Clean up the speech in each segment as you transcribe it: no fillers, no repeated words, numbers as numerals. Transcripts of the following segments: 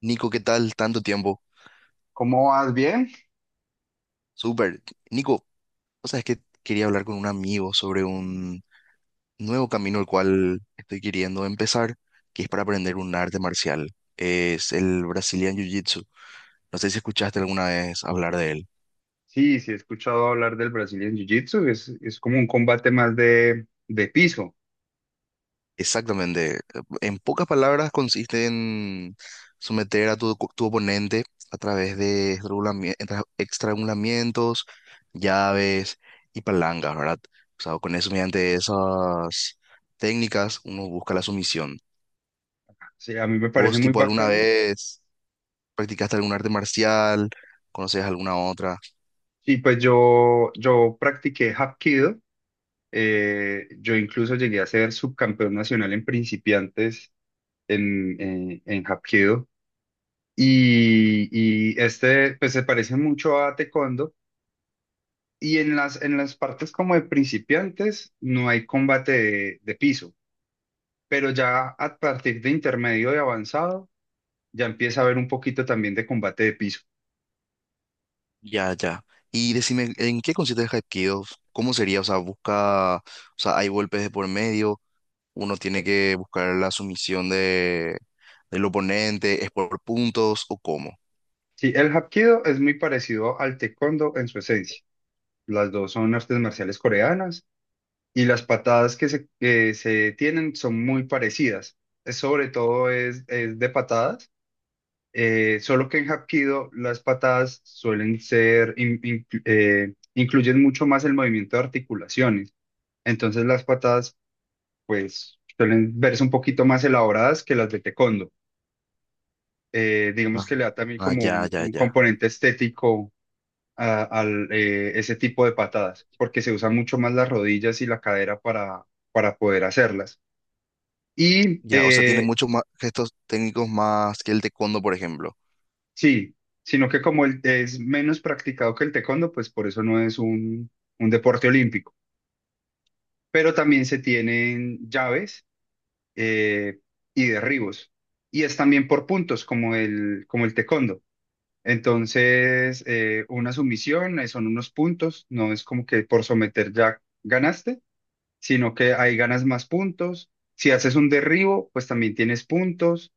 Nico, ¿qué tal? Tanto tiempo. ¿Cómo vas? ¿Bien? Súper. Nico, o sea, es que quería hablar con un amigo sobre un nuevo camino el cual estoy queriendo empezar, que es para aprender un arte marcial. Es el Brazilian Jiu-Jitsu. No sé si escuchaste alguna vez hablar de él. Sí, sí, he escuchado hablar del Brazilian Jiu-Jitsu. Es como un combate más de piso. Exactamente. En pocas palabras consiste en someter a tu oponente a través de estrangulamientos, llaves y palancas, ¿verdad? O sea, con eso, mediante esas técnicas, uno busca la sumisión. Sí, a mí me parece ¿Vos, muy tipo, alguna bacano. vez practicaste algún arte marcial? ¿Conoces alguna otra? Y pues yo practiqué Hapkido. Yo incluso llegué a ser subcampeón nacional en principiantes en Hapkido. Y, pues se parece mucho a Taekwondo. Y en las partes como de principiantes no hay combate de piso, pero ya a partir de intermedio y avanzado ya empieza a haber un poquito también de combate de piso. Ya, ya. Y decime, ¿en qué consiste el Hapkido? ¿Cómo sería? O sea, hay golpes de por medio. Uno tiene que buscar la sumisión del oponente, ¿es por puntos o cómo? Sí, el Hapkido es muy parecido al Taekwondo en su esencia. Las dos son artes marciales coreanas y las patadas que se tienen son muy parecidas. Es sobre todo es de patadas, solo que en Hapkido las patadas suelen incluyen mucho más el movimiento de articulaciones. Entonces las patadas pues suelen verse un poquito más elaboradas que las de Taekwondo. Digamos Ah, que le da también ah, como ya, un, ya, un ya. componente estético al ese tipo de patadas, porque se usan mucho más las rodillas y la cadera para poder hacerlas. Y Ya, o sea, tiene muchos más gestos técnicos más que el taekwondo, por ejemplo. sí, sino que es menos practicado que el taekwondo, pues por eso no es un deporte olímpico. Pero también se tienen llaves, eh, y derribos. Y es también por puntos, como el taekwondo. Entonces, una sumisión, son unos puntos, no es como que por someter ya ganaste, sino que ahí ganas más puntos. Si haces un derribo, pues también tienes puntos.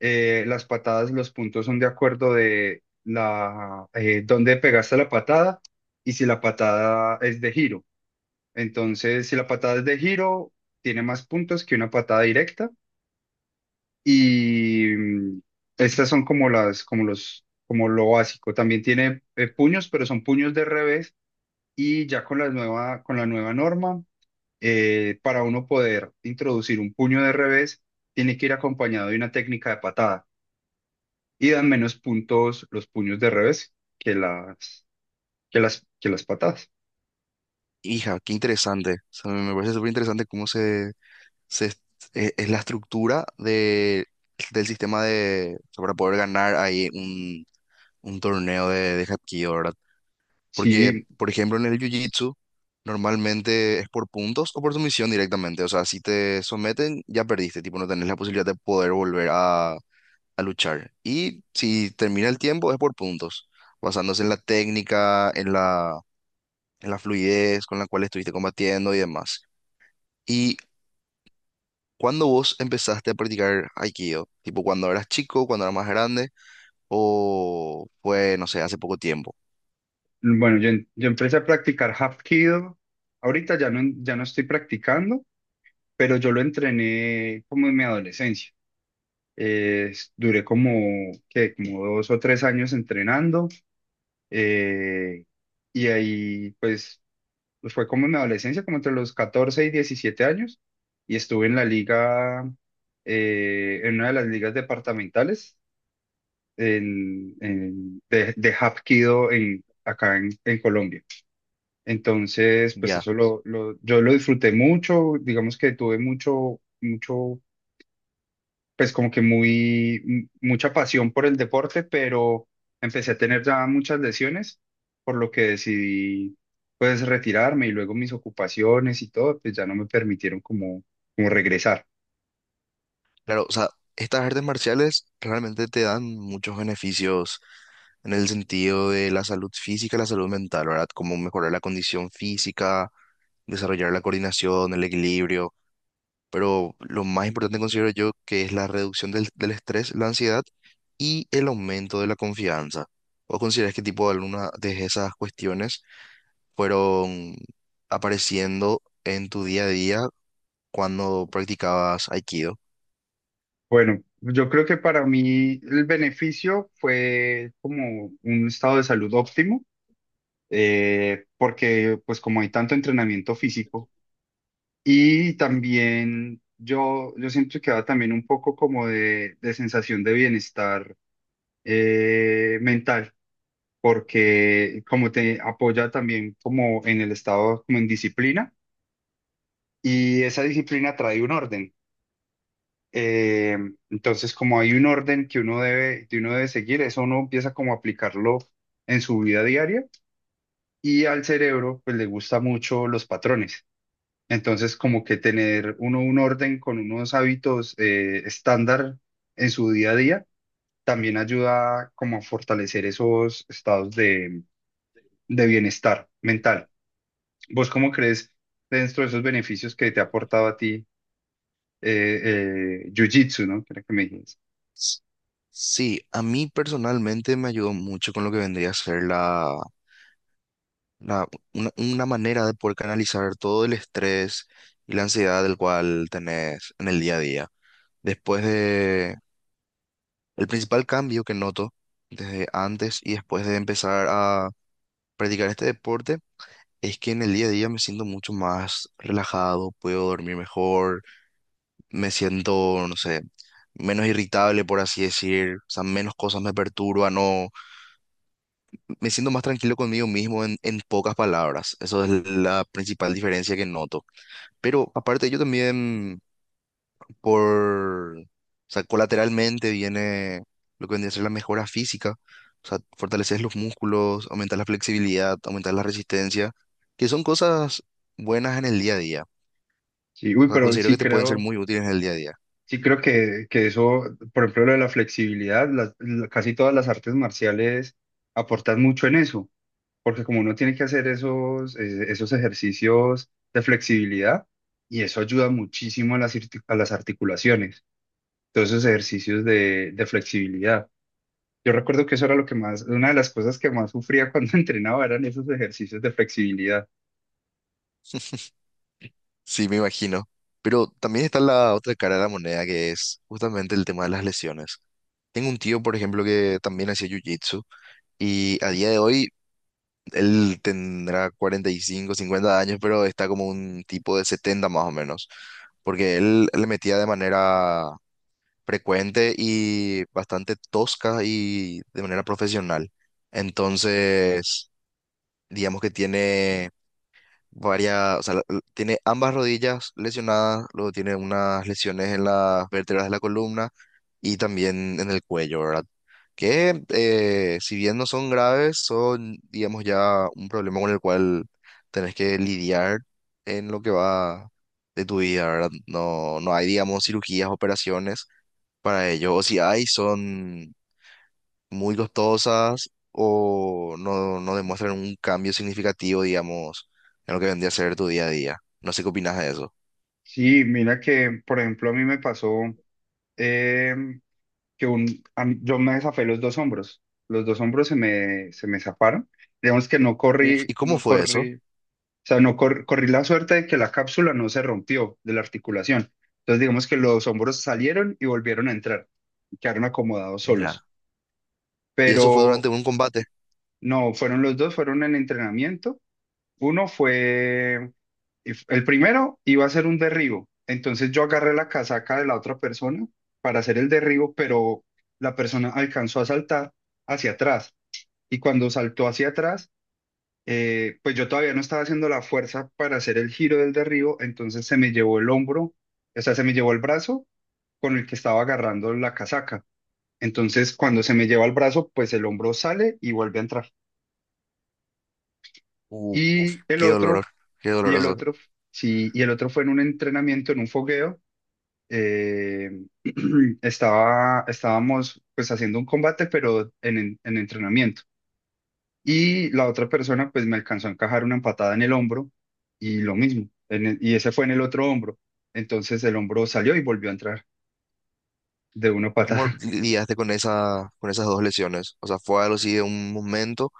Las patadas, los puntos son de acuerdo de la dónde pegaste la patada y si la patada es de giro. Entonces, si la patada es de giro, tiene más puntos que una patada directa. Y mm, Estas son como lo básico. También tiene puños, pero son puños de revés. Y ya con la nueva norma, para uno poder introducir un puño de revés, tiene que ir acompañado de una técnica de patada. Y dan menos puntos los puños de revés que las patadas. Hija, qué interesante. O sea, me parece súper interesante cómo se es, es la estructura del sistema de, o sea, para poder ganar ahí un torneo de Hapkido, ¿verdad? Porque, Sí, por ejemplo, en el Jiu-Jitsu, normalmente es por puntos o por sumisión directamente. O sea, si te someten, ya perdiste, tipo, no tenés la posibilidad de poder volver a luchar. Y si termina el tiempo, es por puntos, basándose en la técnica, en la fluidez con la cual estuviste combatiendo y demás. ¿Y cuando vos empezaste a practicar Aikido? Tipo, cuando eras chico, cuando eras más grande, o fue, no sé, hace poco tiempo. Yo empecé a practicar Hapkido. Ahorita ya no estoy practicando, pero yo lo entrené como en mi adolescencia. Eh, Duré como, ¿qué, como dos o tres años entrenando? Eh, y ahí pues Pues fue como en mi adolescencia, como entre los 14 y 17 años, y estuve en la liga, en una de las ligas departamentales de Hapkido en, acá en Colombia. Entonces pues Ya. Yo lo disfruté mucho, digamos que tuve mucho, pues como que mucha pasión por el deporte, pero empecé a tener ya muchas lesiones, por lo que decidí pues retirarme, y luego mis ocupaciones y todo, pues ya no me permitieron como regresar. Claro, o sea, estas artes marciales realmente te dan muchos beneficios en el sentido de la salud física y la salud mental, ¿verdad? Como mejorar la condición física, desarrollar la coordinación, el equilibrio, pero lo más importante considero yo que es la reducción del estrés, la ansiedad y el aumento de la confianza. ¿O consideras qué tipo de alguna de esas cuestiones fueron apareciendo en tu día a día cuando practicabas Aikido? Bueno, yo creo que para mí el beneficio fue como un estado de salud óptimo, porque pues como hay tanto entrenamiento físico. Y también yo siempre quedaba también un poco como de sensación de bienestar, mental, porque como te apoya también como en el estado, como en disciplina, y esa disciplina trae un orden. Eh, entonces, como hay un orden que uno debe seguir, eso uno empieza como a aplicarlo en su vida diaria, y al cerebro pues le gusta mucho los patrones. Entonces, como que tener uno un orden con unos hábitos, estándar, en su día a día, también ayuda como a fortalecer esos estados de bienestar mental. ¿Vos cómo crees, dentro de esos beneficios que te ha aportado a ti, Jiu-Jitsu, ¿no? Que era que me dijiste. S- Sí, a mí personalmente me ayudó mucho con lo que vendría a ser la- una manera de poder canalizar todo el estrés y la ansiedad del cual tenés en el día a día. Después de, el principal cambio que noto desde antes y después de empezar a practicar este deporte es que en el día a día me siento mucho más relajado, puedo dormir mejor, me siento, no sé, menos irritable, por así decir, o sea, menos cosas me perturban. Me siento más tranquilo conmigo mismo en pocas palabras. Eso es la principal diferencia que noto. Pero aparte, yo también, o sea, colateralmente viene lo que vendría a ser la mejora física. O sea, fortaleces los músculos, aumentas la flexibilidad, aumentas la resistencia, que son cosas buenas en el día a día. Sí, uy, O sea, pero considero que te pueden ser muy útiles en el día a día. sí creo que eso, por ejemplo, lo de la flexibilidad, casi todas las artes marciales aportan mucho en eso, porque como uno tiene que hacer esos, esos ejercicios de flexibilidad, y eso ayuda muchísimo a a las articulaciones, todos esos ejercicios de flexibilidad. Yo recuerdo que eso era lo que más, una de las cosas que más sufría cuando entrenaba eran esos ejercicios de flexibilidad. Sí, me imagino. Pero también está la otra cara de la moneda, que es justamente el tema de las lesiones. Tengo un tío, por ejemplo, que también hacía jiu-jitsu. Y a día de hoy él tendrá 45, 50 años, pero está como un tipo de 70 más o menos, porque él le metía de manera frecuente y bastante tosca y de manera profesional. Entonces, digamos que tiene varias, o sea, tiene ambas rodillas lesionadas, luego tiene unas lesiones en las vértebras de la columna y también en el cuello, ¿verdad? Que si bien no son graves, son, digamos, ya un problema con el cual tenés que lidiar en lo que va de tu vida, ¿verdad? No, no hay, digamos, cirugías, operaciones para ello, o si hay, son muy costosas o no, no demuestran un cambio significativo, digamos, en lo que vendría a ser tu día a día. No sé qué opinas de eso. Sí, mira que, por ejemplo, a mí me pasó em, que un, a mí- yo me zafé los dos hombros. Los dos hombros se me zafaron. Digamos que Uf, ¿y cómo no fue eso? corrí, o sea, no cor- corrí la suerte de que la cápsula no se rompió de la articulación. Entonces, digamos que los hombros salieron y volvieron a entrar y quedaron acomodados Ya. solos. ¿Y eso fue Pero durante un combate? no, fueron los dos, fueron en entrenamiento. Uno fue, el primero iba a ser un derribo, entonces yo agarré la casaca de la otra persona para hacer el derribo, pero la persona alcanzó a saltar hacia atrás, y cuando saltó hacia atrás, pues yo todavía no estaba haciendo la fuerza para hacer el giro del derribo, entonces se me llevó el hombro, o sea, se me llevó el brazo con el que estaba agarrando la casaca. Entonces cuando se me lleva el brazo, pues el hombro sale y vuelve a entrar. Uf, Y el qué dolor, otro qué Y el doloroso. otro, sí, y el otro fue en un entrenamiento, en un fogueo. eh, estábamos pues haciendo un combate, pero en entrenamiento. Y la otra persona pues me alcanzó a encajar una empatada en el hombro, y lo mismo, y ese fue en el otro hombro. Entonces el hombro salió y volvió a entrar de una ¿Y cómo patada. lidiaste con con esas dos lesiones? O sea, ¿fue algo así de un momento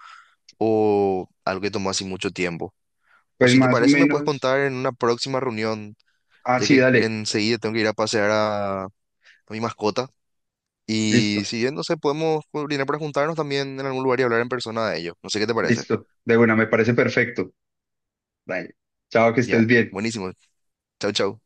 o algo que tomó así mucho tiempo? O Pues si te más o parece, me puedes menos. contar en una próxima reunión, Ah, ya sí, que dale. enseguida tengo que ir a pasear a mi mascota. Y Listo, si bien, no sé, podemos coordinar para juntarnos también en algún lugar y hablar en persona de ello. No sé qué te parece. listo. De buena me parece perfecto. Dale. Chao, que estés Ya, bien. buenísimo. Chau, chau.